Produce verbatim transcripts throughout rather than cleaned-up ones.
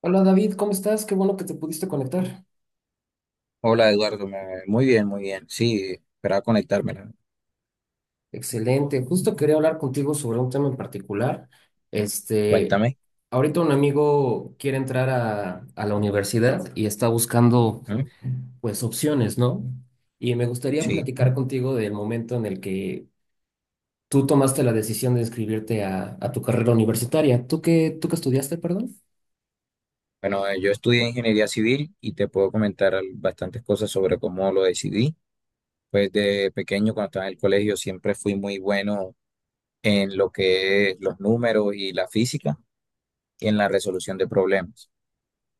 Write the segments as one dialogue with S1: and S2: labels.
S1: Hola David, ¿cómo estás? Qué bueno que te pudiste conectar.
S2: Hola Eduardo, me- muy bien, muy bien. Sí, esperaba conectármela.
S1: Excelente. Justo quería hablar contigo sobre un tema en particular. Este,
S2: Cuéntame.
S1: ahorita un amigo quiere entrar a, a la universidad y está buscando,
S2: ¿Mm?
S1: pues, opciones, ¿no? Y me gustaría
S2: Sí,
S1: platicar contigo del momento en el que tú tomaste la decisión de inscribirte a, a tu carrera universitaria. ¿Tú qué, tú qué estudiaste, perdón?
S2: bueno, eh, yo estudié ingeniería civil y te puedo comentar al- bastantes cosas sobre cómo lo decidí. Pues de pequeño, cuando estaba en el colegio, siempre fui muy bueno en lo que es los números y la física y en la resolución de problemas.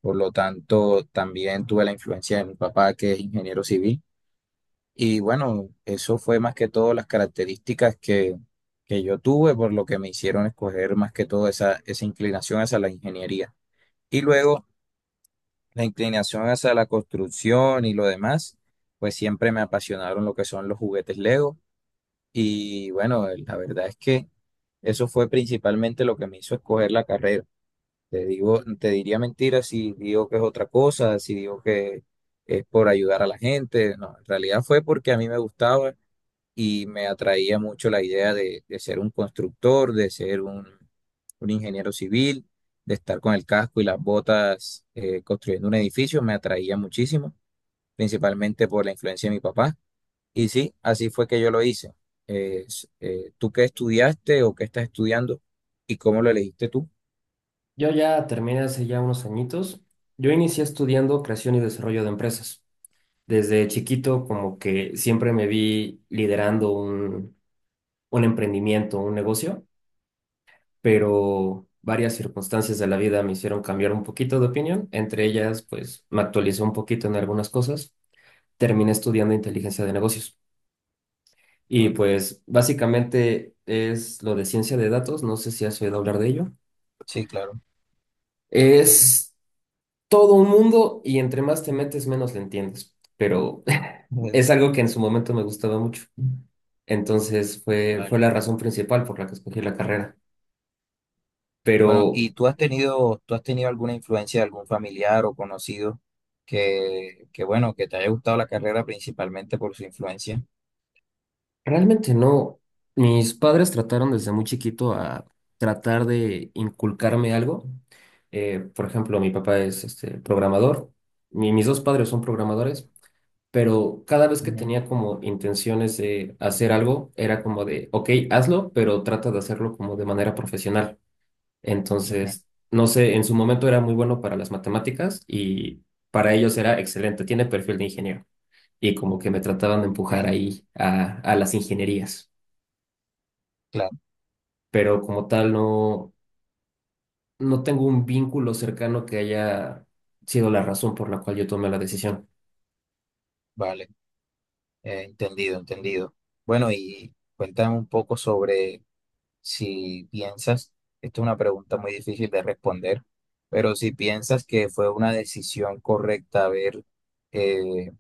S2: Por lo tanto, también tuve la influencia de mi papá, que es ingeniero civil. Y bueno, eso fue más que todo las características que, que yo tuve, por lo que me hicieron escoger más que todo esa, esa inclinación hacia la ingeniería. Y luego la inclinación hacia la construcción y lo demás, pues siempre me apasionaron lo que son los juguetes Lego. Y bueno, la verdad es que eso fue principalmente lo que me hizo escoger la carrera. Te digo, te diría mentiras si digo que es otra cosa, si digo que es por ayudar a la gente. No, en realidad fue porque a mí me gustaba y me atraía mucho la idea de, de ser un constructor, de ser un, un ingeniero civil, de estar con el casco y las botas eh, construyendo un edificio, me atraía muchísimo, principalmente por la influencia de mi papá. Y sí, así fue que yo lo hice. Eh, s- eh, ¿tú qué estudiaste o qué estás estudiando y cómo lo elegiste tú?
S1: Yo ya terminé hace ya unos añitos. Yo inicié estudiando creación y desarrollo de empresas. Desde chiquito como que siempre me vi liderando un, un emprendimiento, un negocio, pero varias circunstancias de la vida me hicieron cambiar un poquito de opinión. Entre ellas, pues me actualicé un poquito en algunas cosas. Terminé estudiando inteligencia de negocios. Y
S2: Ah,
S1: pues básicamente es lo de ciencia de datos. No sé si has oído hablar de ello.
S2: sí, claro.
S1: Es todo un mundo y entre más te metes, menos le entiendes. Pero
S2: Bueno,
S1: es algo que en su momento me gustaba mucho. Entonces fue, fue
S2: vale.
S1: la razón principal por la que escogí la carrera.
S2: Bueno,
S1: Pero
S2: ¿y tú has tenido, tú has tenido alguna influencia de algún familiar o conocido que, que bueno, que te haya gustado la carrera principalmente por su influencia?
S1: realmente no. Mis padres trataron desde muy chiquito a tratar de inculcarme algo. Eh, por ejemplo, mi papá es este, programador. Mi- mis dos padres son programadores. Pero cada vez que
S2: Ujú,
S1: tenía como intenciones de hacer algo, era como de, ok, hazlo, pero trata de hacerlo como de manera profesional.
S2: ujú,
S1: Entonces, no sé, en su momento era muy bueno para las matemáticas y para ellos era excelente, tiene perfil de ingeniero. Y como que me trataban de empujar
S2: ok,
S1: ahí a, a las ingenierías.
S2: claro,
S1: Pero como tal, no, no tengo un vínculo cercano que haya sido la razón por la cual yo tomé la decisión.
S2: vale, eh, entendido, entendido. Bueno, y cuéntame un poco sobre si piensas, esta es una pregunta muy difícil de responder, pero si piensas que fue una decisión correcta haber eh,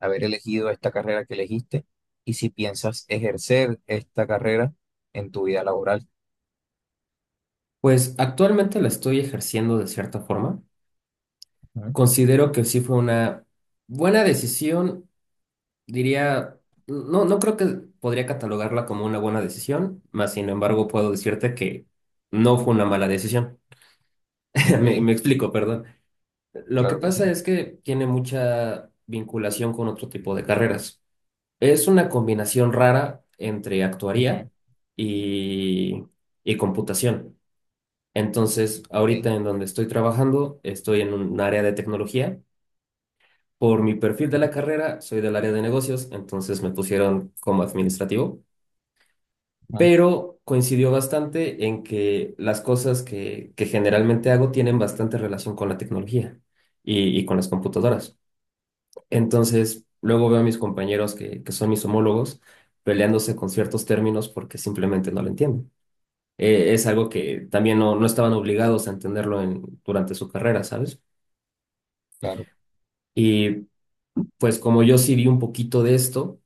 S2: haber elegido esta carrera que elegiste y si piensas ejercer esta carrera en tu vida laboral.
S1: Pues actualmente la estoy ejerciendo de cierta forma.
S2: Ujú,
S1: Considero que sí fue una buena decisión. Diría, no, no creo que podría catalogarla como una buena decisión, más sin embargo puedo decirte que no fue una mala decisión. Me,
S2: ok,
S1: me explico, perdón. Lo que
S2: claro que
S1: pasa
S2: sí.
S1: es que tiene mucha vinculación con otro tipo de carreras. Es una combinación rara entre
S2: Ujú,
S1: actuaría y, y computación. Entonces,
S2: ok,
S1: ahorita en donde estoy trabajando, estoy en un área de tecnología. Por mi perfil de la
S2: ujú,
S1: carrera, soy del área de negocios, entonces me pusieron como administrativo.
S2: ujú,
S1: Pero coincidió bastante en que las cosas que, que generalmente hago tienen bastante relación con la tecnología y, y con las computadoras. Entonces, luego veo a mis compañeros que, que son mis homólogos peleándose con ciertos términos porque simplemente no lo entienden. Eh, es algo que también no, no estaban obligados a entenderlo en, durante su carrera, ¿sabes?
S2: claro,
S1: Y pues como yo sí vi un poquito de esto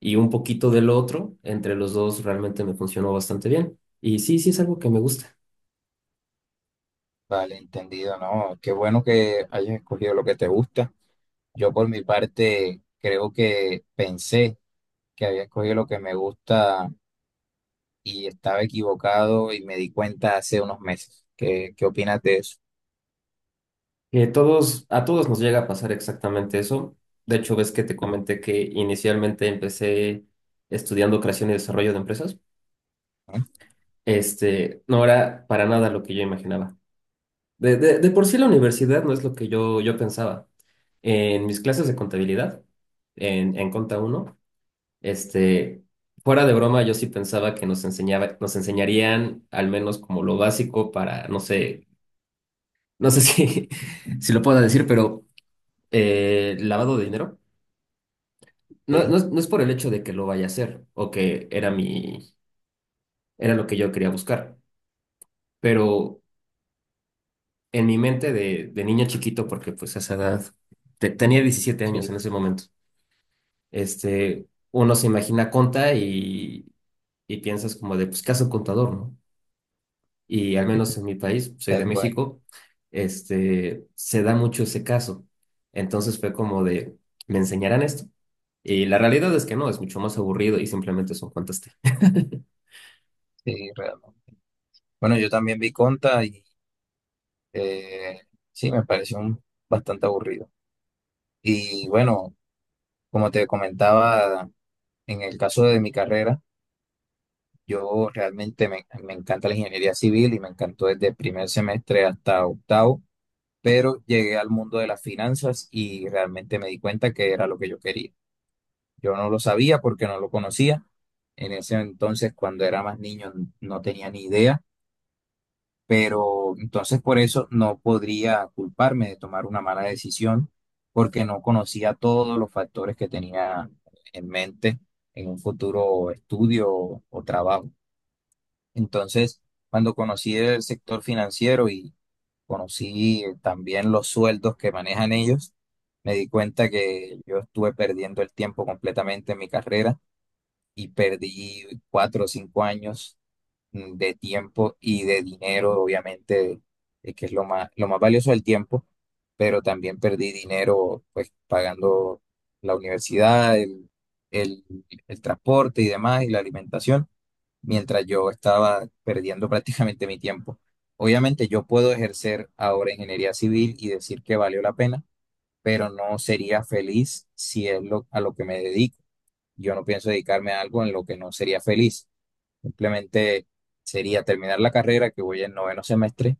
S1: y un poquito del otro, entre los dos realmente me funcionó bastante bien. Y sí, sí es algo que me gusta.
S2: vale, entendido, ¿no? Qué bueno que hayas escogido lo que te gusta. Yo por mi parte creo que pensé que había escogido lo que me gusta y estaba equivocado y me di cuenta hace unos meses. ¿Qué, qué opinas de eso?
S1: Que todos, a todos nos llega a pasar exactamente eso. De hecho, ves que te comenté que inicialmente empecé estudiando creación y desarrollo de empresas.
S2: Ujú,
S1: Este, no era para nada lo que yo imaginaba. De, de, de por sí la universidad no es lo que yo, yo pensaba. En mis clases de contabilidad, en, en Conta uno este, fuera de broma, yo sí pensaba que nos enseñaba, nos enseñarían al menos como lo básico para, no sé, no sé si, si lo puedo decir, pero eh, lavado de dinero. No,
S2: ok,
S1: no, es no es por el hecho de que lo vaya a hacer o que era mi, era lo que yo quería buscar, pero en mi mente de, de niño chiquito, porque pues a esa edad, te- tenía diecisiete años
S2: sí,
S1: en ese momento, este, uno se imagina conta y, y piensas como de, pues, ¿qué hace un contador, no? Y al menos en mi país, soy de
S2: tal cual,
S1: México, este, se da mucho ese caso. Entonces fue como de, ¿me enseñarán esto? Y la realidad es que no, es mucho más aburrido y simplemente son cuentas.
S2: sí, realmente. Bueno, yo también vi Conta y Eh, sí, me pareció un- bastante aburrido. Y bueno, como te comentaba, en el caso de mi carrera, yo realmente me, me encanta la ingeniería civil y me encantó desde el primer semestre hasta octavo, pero llegué al mundo de las finanzas y realmente me di cuenta que era lo que yo quería. Yo no lo sabía porque no lo conocía. En ese entonces, cuando era más niño, no tenía ni idea, pero entonces por eso no podría culparme de tomar una mala decisión porque no conocía todos los factores que tenía en mente en un futuro estudio o, o trabajo. Entonces, cuando conocí el sector financiero y conocí, eh, también los sueldos que manejan ellos, me di cuenta que yo estuve perdiendo el tiempo completamente en mi carrera y perdí cuatro o cinco años mm, de tiempo y de dinero, obviamente, eh, que es lo más, lo más valioso del tiempo, pero también perdí dinero pues pagando la universidad, el, el, el transporte y demás, y la alimentación, mientras yo estaba perdiendo prácticamente mi tiempo. Obviamente yo puedo ejercer ahora ingeniería civil y decir que valió la pena, pero no sería feliz si es lo, a lo que me dedico. Yo no pienso dedicarme a algo en lo que no sería feliz. Simplemente sería terminar la carrera, que voy en noveno semestre,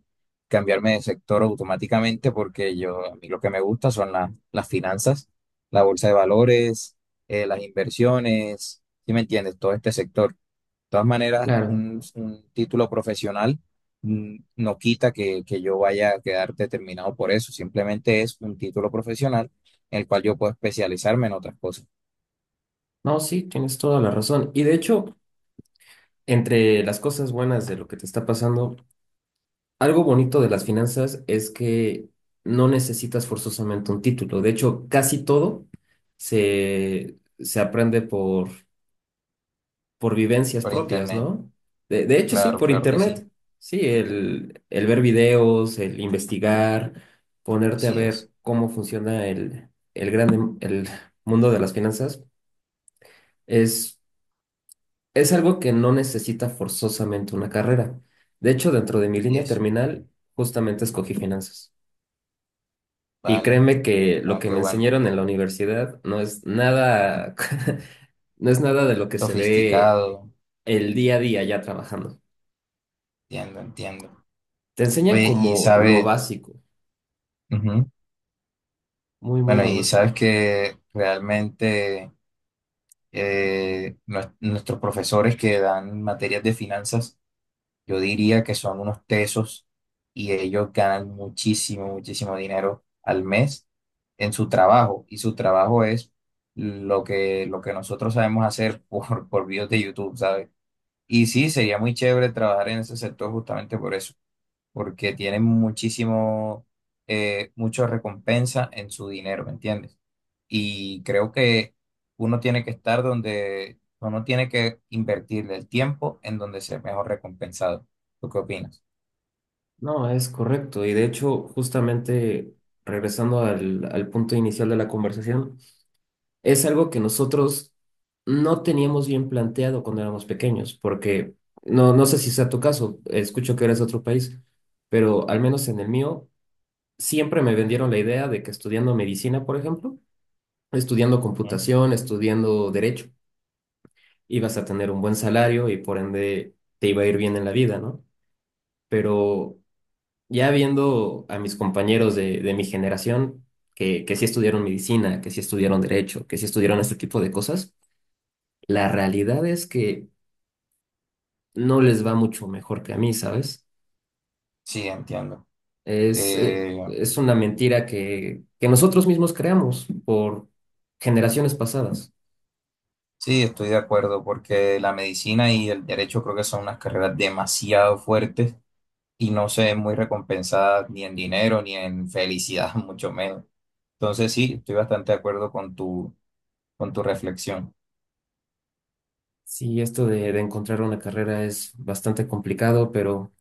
S2: cambiarme de sector automáticamente porque yo, a mí lo que me gusta son la- las finanzas, la bolsa de valores, eh, las inversiones, ¿sí me entiendes? Todo este sector. De todas maneras,
S1: Claro.
S2: un, un título profesional mm, no quita que, que yo vaya a quedar determinado por eso, simplemente es un título profesional en el cual yo puedo especializarme en otras cosas.
S1: No, sí, tienes toda la razón. Y de hecho, entre las cosas buenas de lo que te está pasando, algo bonito de las finanzas es que no necesitas forzosamente un título. De hecho, casi todo se, se aprende por, por vivencias
S2: Por
S1: propias,
S2: internet,
S1: ¿no? De, de hecho, sí,
S2: claro,
S1: por
S2: claro que sí,
S1: internet. Sí, el, el ver videos, el investigar, ponerte a
S2: así
S1: ver
S2: es,
S1: cómo funciona el, el grande, el mundo de las finanzas es. Es algo que no necesita forzosamente una carrera. De hecho, dentro de mi
S2: así
S1: línea
S2: es,
S1: terminal, justamente escogí finanzas. Y
S2: vale.
S1: créeme que lo
S2: No,
S1: que
S2: qué
S1: me
S2: bueno.
S1: enseñaron en la universidad no es nada, no es nada de lo que se ve
S2: Sofisticado.
S1: el día a día ya trabajando.
S2: Entiendo, entiendo.
S1: Te enseñan
S2: Oye, y
S1: como lo
S2: sabes,
S1: básico,
S2: ujú,
S1: muy, muy
S2: bueno,
S1: lo
S2: y
S1: básico.
S2: sabes que realmente eh, nues- nuestros profesores que dan materias de finanzas, yo diría que son unos tesos y ellos ganan muchísimo, muchísimo dinero al mes en su trabajo. Y su trabajo es lo que, lo que nosotros sabemos hacer por, por videos de YouTube, ¿sabes? Y sí, sería muy chévere trabajar en ese sector justamente por eso, porque tienen muchísimo, eh, mucha recompensa en su dinero, ¿me entiendes? Y creo que uno tiene que estar donde, uno tiene que invertirle el tiempo en donde sea mejor recompensado. ¿Tú qué opinas?
S1: No, es correcto. Y de hecho, justamente regresando al, al punto inicial de la conversación, es algo que nosotros no teníamos bien planteado cuando éramos pequeños, porque no, no sé si sea tu caso, escucho que eres de otro país, pero al menos en el mío siempre me vendieron la idea de que estudiando medicina, por ejemplo, estudiando
S2: ¿Mm?
S1: computación, estudiando derecho, ibas a tener un buen salario y por ende te iba a ir bien en la vida, ¿no? Pero ya viendo a mis compañeros de, de mi generación, que, que sí estudiaron medicina, que sí estudiaron derecho, que sí estudiaron este tipo de cosas, la realidad es que no les va mucho mejor que a mí, ¿sabes?
S2: Sí, entiendo.
S1: Es, eh,
S2: Eh,
S1: es una mentira que, que nosotros mismos creamos por generaciones pasadas.
S2: sí, estoy de acuerdo porque la medicina y el derecho creo que son unas carreras demasiado fuertes y no se ven muy recompensadas ni en dinero ni en felicidad, mucho menos. Entonces sí, estoy bastante de acuerdo con tu con tu reflexión,
S1: Sí, esto de, de encontrar una carrera es bastante complicado, pero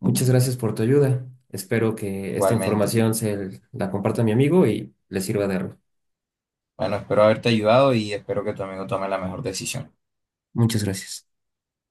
S1: muchas gracias por tu ayuda. Espero que esta
S2: igualmente.
S1: información se la comparta a mi amigo y le sirva de algo.
S2: Bueno, espero haberte ayudado y espero que tu amigo tome la mejor decisión.
S1: Muchas gracias.